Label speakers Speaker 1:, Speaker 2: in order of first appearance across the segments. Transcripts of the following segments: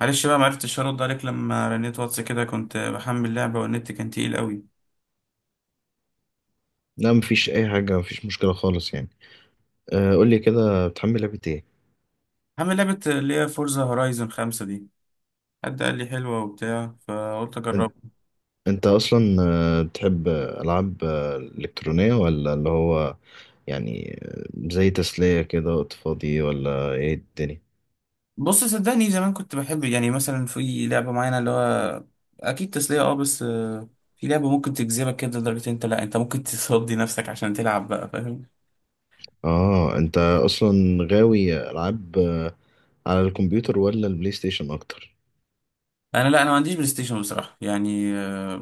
Speaker 1: معلش بقى معرفتش ارد عليك لما رنيت واتس كده، كنت بحمل لعبة والنت كان تقيل قوي.
Speaker 2: لا، مفيش اي حاجه، مفيش مشكله خالص يعني. آه، قول لي كده بتحمل لعبه ايه؟
Speaker 1: حمل لعبة اللي هي فورزا هورايزون 5 دي، حد قال لي حلوة وبتاع فقلت
Speaker 2: أن-
Speaker 1: اجربها.
Speaker 2: انت اصلا بتحب العاب الكترونيه، ولا اللي هو يعني زي تسليه كده وقت فاضي، ولا ايه الدنيا؟
Speaker 1: بص صدقني، زمان كنت بحب يعني مثلا في لعبة معينة اللي هو اكيد تسلية. اه بس في لعبة ممكن تجذبك كده لدرجة انت لا انت ممكن تصدي نفسك عشان تلعب بقى فاهم.
Speaker 2: اه، انت اصلا غاوي العاب على الكمبيوتر ولا البلاي ستيشن اكتر؟
Speaker 1: انا ما عنديش بلاي ستيشن بصراحة يعني.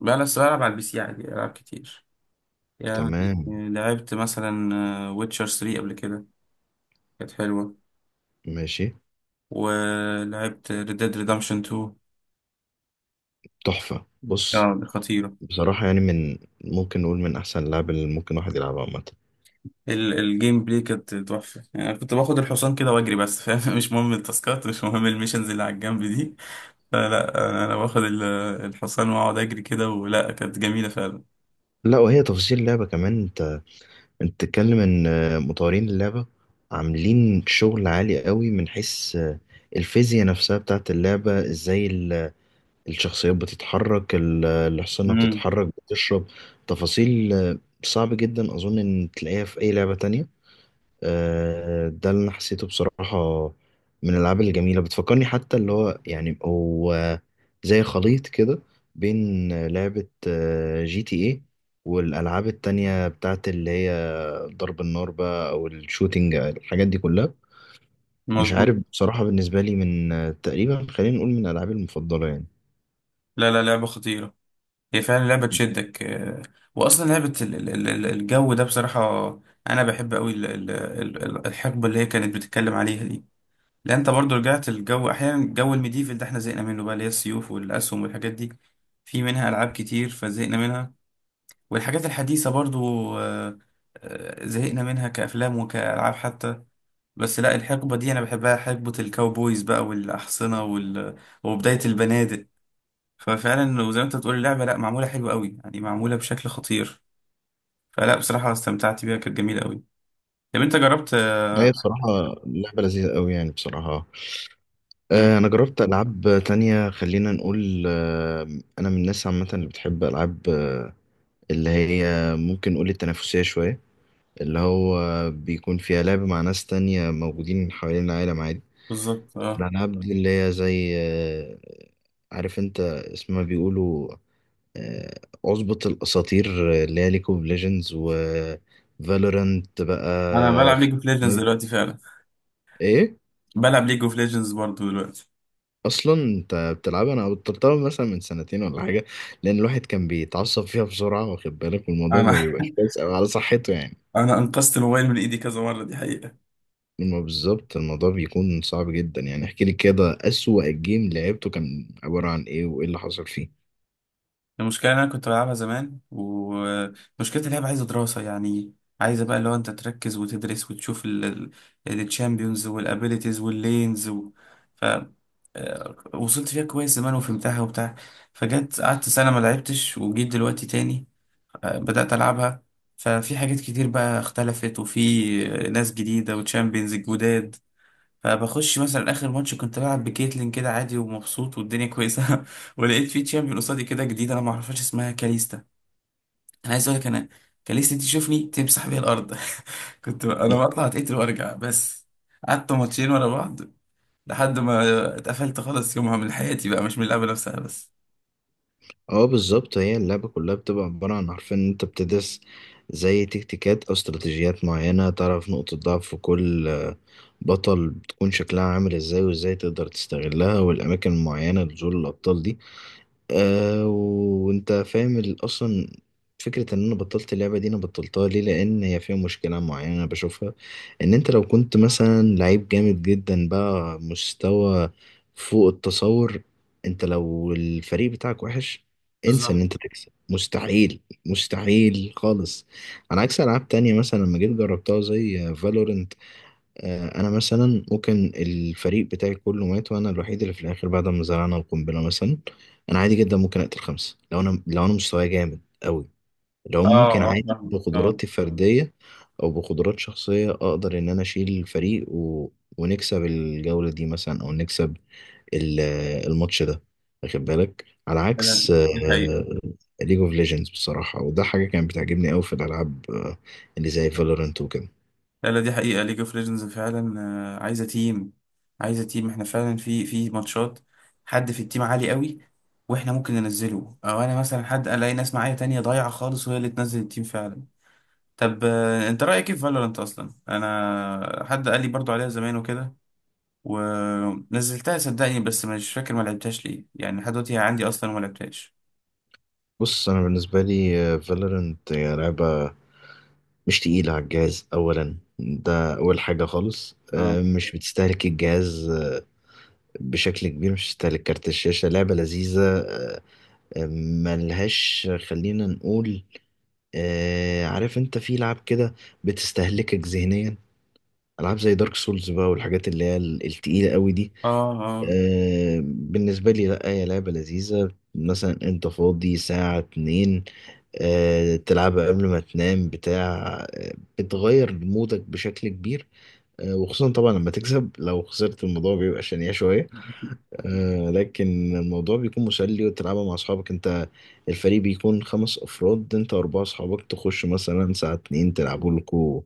Speaker 1: بلعب على البي سي عادي، العب كتير يعني.
Speaker 2: تمام.
Speaker 1: لعبت مثلا ويتشر 3 قبل كده، كانت حلوة.
Speaker 2: ماشي.
Speaker 1: ولعبت Red Dead Redemption 2،
Speaker 2: تحفه. بص،
Speaker 1: اه خطيرة.
Speaker 2: بصراحه يعني ممكن نقول من احسن اللعب اللي ممكن واحد يلعبها عامه.
Speaker 1: الجيم بلاي كانت تحفة يعني، أنا كنت باخد الحصان كده وأجري بس فاهم مش مهم التاسكات، مش مهم الميشنز اللي على الجنب دي. فلا أنا باخد الحصان وأقعد أجري كده ولا، كانت جميلة فعلا.
Speaker 2: لا، وهي تفاصيل اللعبة كمان. انت بتتكلم ان مطورين اللعبة عاملين شغل عالي قوي، من حيث الفيزياء نفسها بتاعت اللعبة، ازاي الشخصيات بتتحرك، الحصانة
Speaker 1: امم
Speaker 2: بتتحرك، بتشرب، تفاصيل صعب جدا اظن ان تلاقيها في اي لعبة تانية. ده اللي انا حسيته بصراحة. من الالعاب الجميلة، بتفكرني حتى اللي هو يعني هو زي خليط كده بين لعبة جي تي ايه، والالعاب التانية بتاعت اللي هي ضرب النار بقى، او الشوتينج، الحاجات دي كلها. مش
Speaker 1: مظبوط.
Speaker 2: عارف بصراحة، بالنسبة لي تقريبا خلينا نقول من العابي المفضلة يعني.
Speaker 1: لا لا لعبة خطيرة، هي فعلا لعبة تشدك. وأصلا لعبة الجو ده، بصراحة أنا بحب أوي الحقبة اللي هي كانت بتتكلم عليها دي. لان انت برضو رجعت الجو، احيانا جو الميديفل ده احنا زهقنا منه بقى، اللي هي السيوف والاسهم والحاجات دي، في منها العاب كتير فزهقنا منها. والحاجات الحديثه برضو آه، زهقنا منها كافلام وكالعاب حتى. بس لا، الحقبه دي انا بحبها، حقبه الكاوبويز بقى والاحصنه وبدايه البنادق. ففعلا وزي ما انت بتقول اللعبه لا معموله حلوه قوي يعني، معموله بشكل خطير. فلا بصراحه استمتعت بيها، كانت جميله قوي. طب انت جربت
Speaker 2: هي بصراحة لعبة لذيذة قوي يعني، بصراحة أنا
Speaker 1: مم،
Speaker 2: جربت ألعاب تانية، خلينا نقول أنا من الناس عامة اللي بتحب ألعاب اللي هي ممكن نقول التنافسية شوية، اللي هو بيكون فيها لعب مع ناس تانية موجودين حوالين العالم عادي.
Speaker 1: بالظبط اه.
Speaker 2: الألعاب دي اللي هي زي عارف أنت، اسمها بيقولوا اظبط الاساطير اللي هي ليج اوف ليجندز، و فالورانت بقى،
Speaker 1: انا بلعب ليج اوف ليجندز
Speaker 2: فورتنايت،
Speaker 1: دلوقتي فعلا،
Speaker 2: ايه.
Speaker 1: بلعب ليج اوف ليجندز برضه دلوقتي.
Speaker 2: اصلا انت بتلعبها، انا بطلتها مثلا من سنتين ولا حاجه، لان الواحد كان بيتعصب فيها بسرعه واخد بالك، والموضوع
Speaker 1: انا
Speaker 2: ما بيبقاش كويس أوي على صحته يعني.
Speaker 1: انا انقذت الموبايل من ايدي كذا مره، دي حقيقه.
Speaker 2: ما بالظبط، الموضوع بيكون صعب جدا يعني. احكي لي كده، اسوأ جيم لعبته كان عباره عن ايه، وايه اللي حصل فيه؟
Speaker 1: المشكله إن انا كنت بلعبها زمان، ومشكله اللعبه عايزه دراسه يعني، عايزه بقى اللي هو انت تركز وتدرس وتشوف الشامبيونز والابيليتيز واللينز و... ف آه، وصلت فيها كويس زمان وفهمتها وبتاع. فجت قعدت سنه ما لعبتش وجيت دلوقتي تاني. بدات العبها، ففي حاجات كتير بقى اختلفت، وفي ناس جديده وتشامبيونز جداد. فبخش مثلا اخر ماتش كنت بلعب بكيتلين كده عادي ومبسوط والدنيا كويسه ولقيت في تشامبيون قصادي كده جديده انا ما اعرفهاش، اسمها كاليستا. انا عايز اقول لك انا، كاليستا دي تشوفني تمسح بيها الارض. كنت انا بطلع اتقتل وارجع بس، قعدت ماتشين ورا بعض لحد ما اتقفلت خالص يومها من حياتي بقى، مش من اللعبه نفسها بس.
Speaker 2: اه، بالظبط. هي اللعبة كلها بتبقى عبارة عن، عارفين ان انت بتدرس زي تكتيكات او استراتيجيات معينة، تعرف نقطة ضعف كل بطل، بتكون شكلها عامل ازاي، وازاي تقدر تستغلها، والاماكن المعينة لنزول الابطال دي. وانت فاهم اصلا فكرة ان انا بطلت اللعبة دي، انا بطلتها ليه؟ لان هي فيها مشكلة معينة انا بشوفها. ان انت لو كنت مثلا لعيب جامد جدا بقى، مستوى فوق التصور، انت لو الفريق بتاعك وحش، انسى ان
Speaker 1: بالظبط
Speaker 2: انت تكسب. مستحيل. مستحيل خالص. على عكس العاب تانية مثلا لما جيت جربتها، زي فالورنت، انا مثلا ممكن الفريق بتاعي كله مات، وانا الوحيد اللي في الاخر بعد ما زرعنا القنبله مثلا، انا عادي جدا ممكن اقتل 5، لو انا مستواي جامد قوي، لو
Speaker 1: اه.
Speaker 2: ممكن
Speaker 1: اه
Speaker 2: عادي
Speaker 1: فاهم اه.
Speaker 2: بقدراتي الفرديه او بقدرات شخصيه اقدر ان انا اشيل الفريق ونكسب الجوله دي مثلا، او نكسب ال- الماتش ده، واخد بالك، على عكس
Speaker 1: دي حقيقة.
Speaker 2: ليج اوف ليجندز بصراحه. وده حاجه كانت بتعجبني قوي في الالعاب اللي زي فالورنت وكده.
Speaker 1: لا لا، دي حقيقة ليج اوف ليجندز فعلا. عايزة تيم، عايزة تيم، احنا فعلا في ماتشات حد في التيم عالي قوي واحنا ممكن ننزله، او انا مثلا حد الاقي ناس معايا تانية ضايعة خالص وهي اللي تنزل التيم فعلا. طب انت رأيك ايه في فالورانت؟ اصلا انا حد قال لي برضو عليها زمان وكده، ونزلتها صدقني بس مش فاكر ما لعبتهاش ليه يعني، لحد دلوقتي هي عندي اصلا وما لعبتهاش.
Speaker 2: بص انا بالنسبه لي، فالورنت هي لعبه مش تقيله على الجهاز اولا، ده اول حاجه خالص،
Speaker 1: اه.
Speaker 2: مش بتستهلك الجهاز بشكل كبير، مش بتستهلك كارت الشاشه، لعبه لذيذه آه، ملهاش، خلينا نقول عارف انت في لعب كده بتستهلكك ذهنيا، العاب زي دارك سولز بقى، والحاجات اللي هي التقيله قوي دي.
Speaker 1: اه. اه
Speaker 2: بالنسبه لي لا، هي لعبه لذيذه، مثلا انت فاضي ساعه 2 تلعبها قبل ما تنام بتاع، بتغير مودك بشكل كبير، وخصوصا طبعا لما تكسب. لو خسرت الموضوع بيبقى شنيع شوية، لكن الموضوع بيكون مسلي، وتلعبها مع أصحابك أنت. الفريق بيكون 5 أفراد، أنت و4 أصحابك، تخش مثلا ساعة 2 تلعبوا لكوا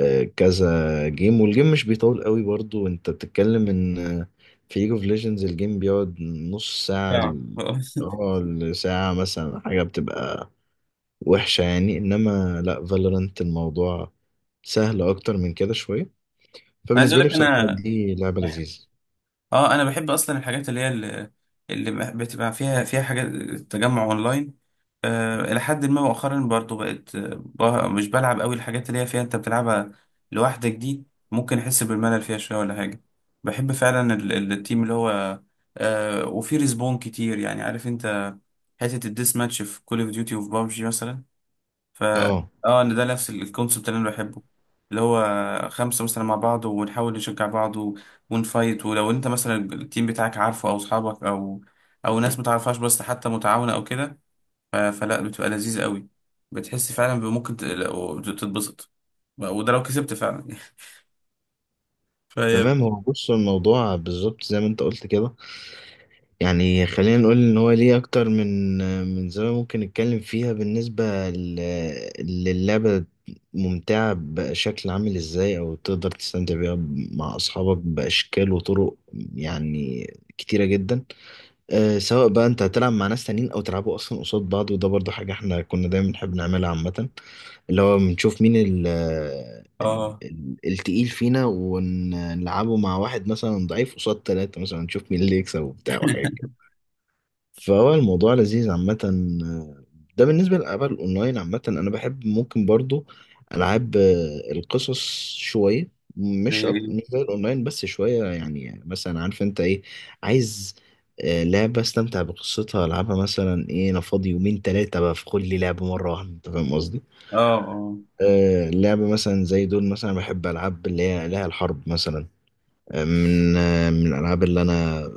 Speaker 2: كذا جيم. والجيم مش بيطول قوي برضو، أنت بتتكلم إن في ليج اوف ليجندز الجيم بيقعد نص ساعة
Speaker 1: يعني.
Speaker 2: لساعة مثلا، حاجة بتبقى وحشة يعني. انما لا، فالورانت الموضوع سهل اكتر من كده شوية،
Speaker 1: عايز
Speaker 2: فبالنسبة
Speaker 1: اقول
Speaker 2: لي
Speaker 1: لك
Speaker 2: بصراحة
Speaker 1: انا
Speaker 2: دي لعبة لذيذة.
Speaker 1: اه، انا بحب اصلا الحاجات اللي هي اللي بتبقى فيها حاجات تجمع اونلاين. الى حد ما مؤخرا برضو بقت، مش بلعب قوي الحاجات اللي هي فيها انت بتلعبها لوحدك دي، ممكن احس بالملل فيها شويه ولا حاجه. بحب فعلا التيم اللي هو وفي ريسبون كتير يعني عارف انت حته الديس ماتش في كول اوف ديوتي وفي بابجي مثلا. ف
Speaker 2: اه،
Speaker 1: اه ان ده نفس الكونسبت اللي انا بحبه، اللي هو خمسة مثلا مع بعض ونحاول نشجع بعض ونفايت. ولو انت مثلا التيم بتاعك عارفه او اصحابك، او ناس متعرفهاش بس حتى متعاونة او كده. فلا بتبقى لذيذة قوي، بتحس فعلا بممكن تتبسط، وده لو كسبت فعلا. فهي
Speaker 2: تمام. هو بص، الموضوع بالظبط زي ما انت قلت كده يعني، خلينا نقول ان هو ليه اكتر من زاوية ممكن نتكلم فيها، بالنسبة للعبة ممتعة، بشكل عامل ازاي او تقدر تستمتع بيها مع اصحابك باشكال وطرق، يعني كتيرة جدا، سواء بقى انت هتلعب مع ناس تانيين، او تلعبوا اصلا قصاد بعض، وده برضو حاجة احنا كنا دايما بنحب نعملها عامة، اللي هو بنشوف مين ال آه، ال
Speaker 1: اه.
Speaker 2: ال التقيل فينا، ونلعبه مع واحد مثلا ضعيف قصاد 3، مثلا نشوف مين اللي يكسب، وبتاع وحاجة. فهو الموضوع لذيذ عامة. ده بالنسبة للألعاب الأونلاين عامة. أنا بحب ممكن برضو ألعاب القصص شوية،
Speaker 1: زي ايه؟
Speaker 2: مش زي الأونلاين، بس شوية يعني مثلا، عارف أنت إيه عايز، لعبة أستمتع بقصتها، ألعبها مثلا إيه أنا فاضي يومين 3 بدخل لي لعبة مرة واحدة، أنت فاهم قصدي؟
Speaker 1: اه. اه.
Speaker 2: لعبة مثلا زي دول مثلا، بحب ألعاب اللي هي لها الحرب مثلا، من من الالعاب اللي انا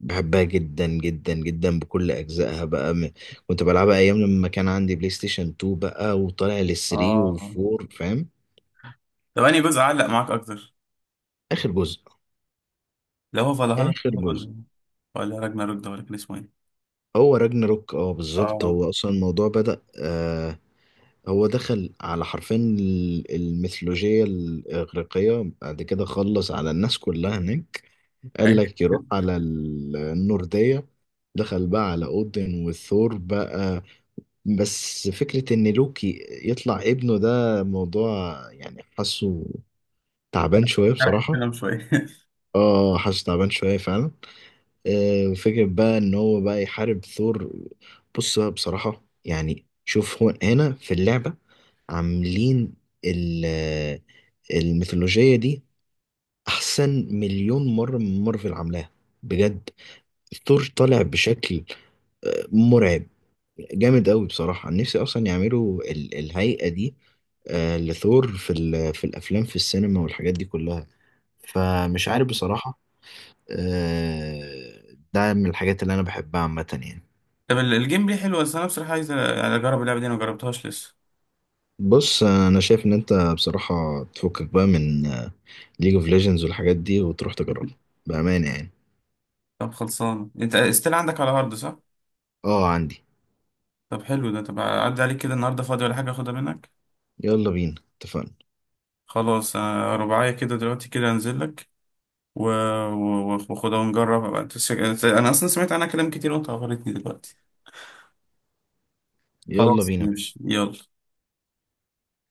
Speaker 2: بحبها جدا جدا جدا بكل اجزائها بقى، كنت بلعبها ايام لما كان عندي بلاي ستيشن 2 بقى، وطالع لل3
Speaker 1: اه.
Speaker 2: و4، فاهم.
Speaker 1: طب انهي جزء علق معاك اكتر؟
Speaker 2: اخر جزء.
Speaker 1: اللي هو فالهالا،
Speaker 2: اخر جزء.
Speaker 1: ولا ولا راجناروك ده، ولا كان اسمه ايه؟
Speaker 2: هو راجناروك، اه بالظبط.
Speaker 1: اه
Speaker 2: هو اصلا الموضوع بدأ هو دخل على حرفين الميثولوجية الإغريقية، بعد كده خلص على الناس كلها هناك، قال
Speaker 1: ايوه.
Speaker 2: لك يروح على النوردية، دخل بقى على أودن وثور بقى. بس فكرة إن لوكي يطلع ابنه، ده موضوع يعني حاسه تعبان شوية
Speaker 1: شرح
Speaker 2: بصراحة.
Speaker 1: الكلام شوية.
Speaker 2: اه، حاسه تعبان شوية فعلا. فكرة بقى إن هو بقى يحارب ثور. بص بقى بصراحة يعني، شوف هو هنا في اللعبة عاملين ال- الميثولوجية دي أحسن مليون مرة من مارفل عاملاها، بجد. ثور طالع بشكل مرعب، جامد قوي بصراحة. نفسي أصلا يعملوا الهيئة دي لثور في الأفلام، في السينما والحاجات دي كلها، فمش عارف بصراحة. ده من الحاجات اللي أنا بحبها عامة يعني.
Speaker 1: طب الجيم ليه حلو، بس أنا بصراحة عايز يعني أجرب اللعبة دي أنا مجربتهاش لسه.
Speaker 2: بص أنا شايف إن أنت بصراحة تفكك بقى من ليج اوف ليجندز والحاجات دي، وتروح تجربها، بأمانة يعني.
Speaker 1: طب خلصان أنت استيل عندك على هارد، صح؟
Speaker 2: اه، عندي.
Speaker 1: طب حلو ده. طب أعدي عليك كده النهاردة، فاضي ولا حاجة أخدها منك؟
Speaker 2: يلا بينا، اتفقنا.
Speaker 1: خلاص، أنا رباعية كده دلوقتي، كده أنزل لك و- وأخدها ونجربها بقى. أنت أنا أصلا سمعت عنها كلام كتير، وأنت عبرتني دلوقتي.
Speaker 2: يلا
Speaker 1: خلاص
Speaker 2: بينا يا
Speaker 1: ماشي
Speaker 2: باشا.
Speaker 1: يلا.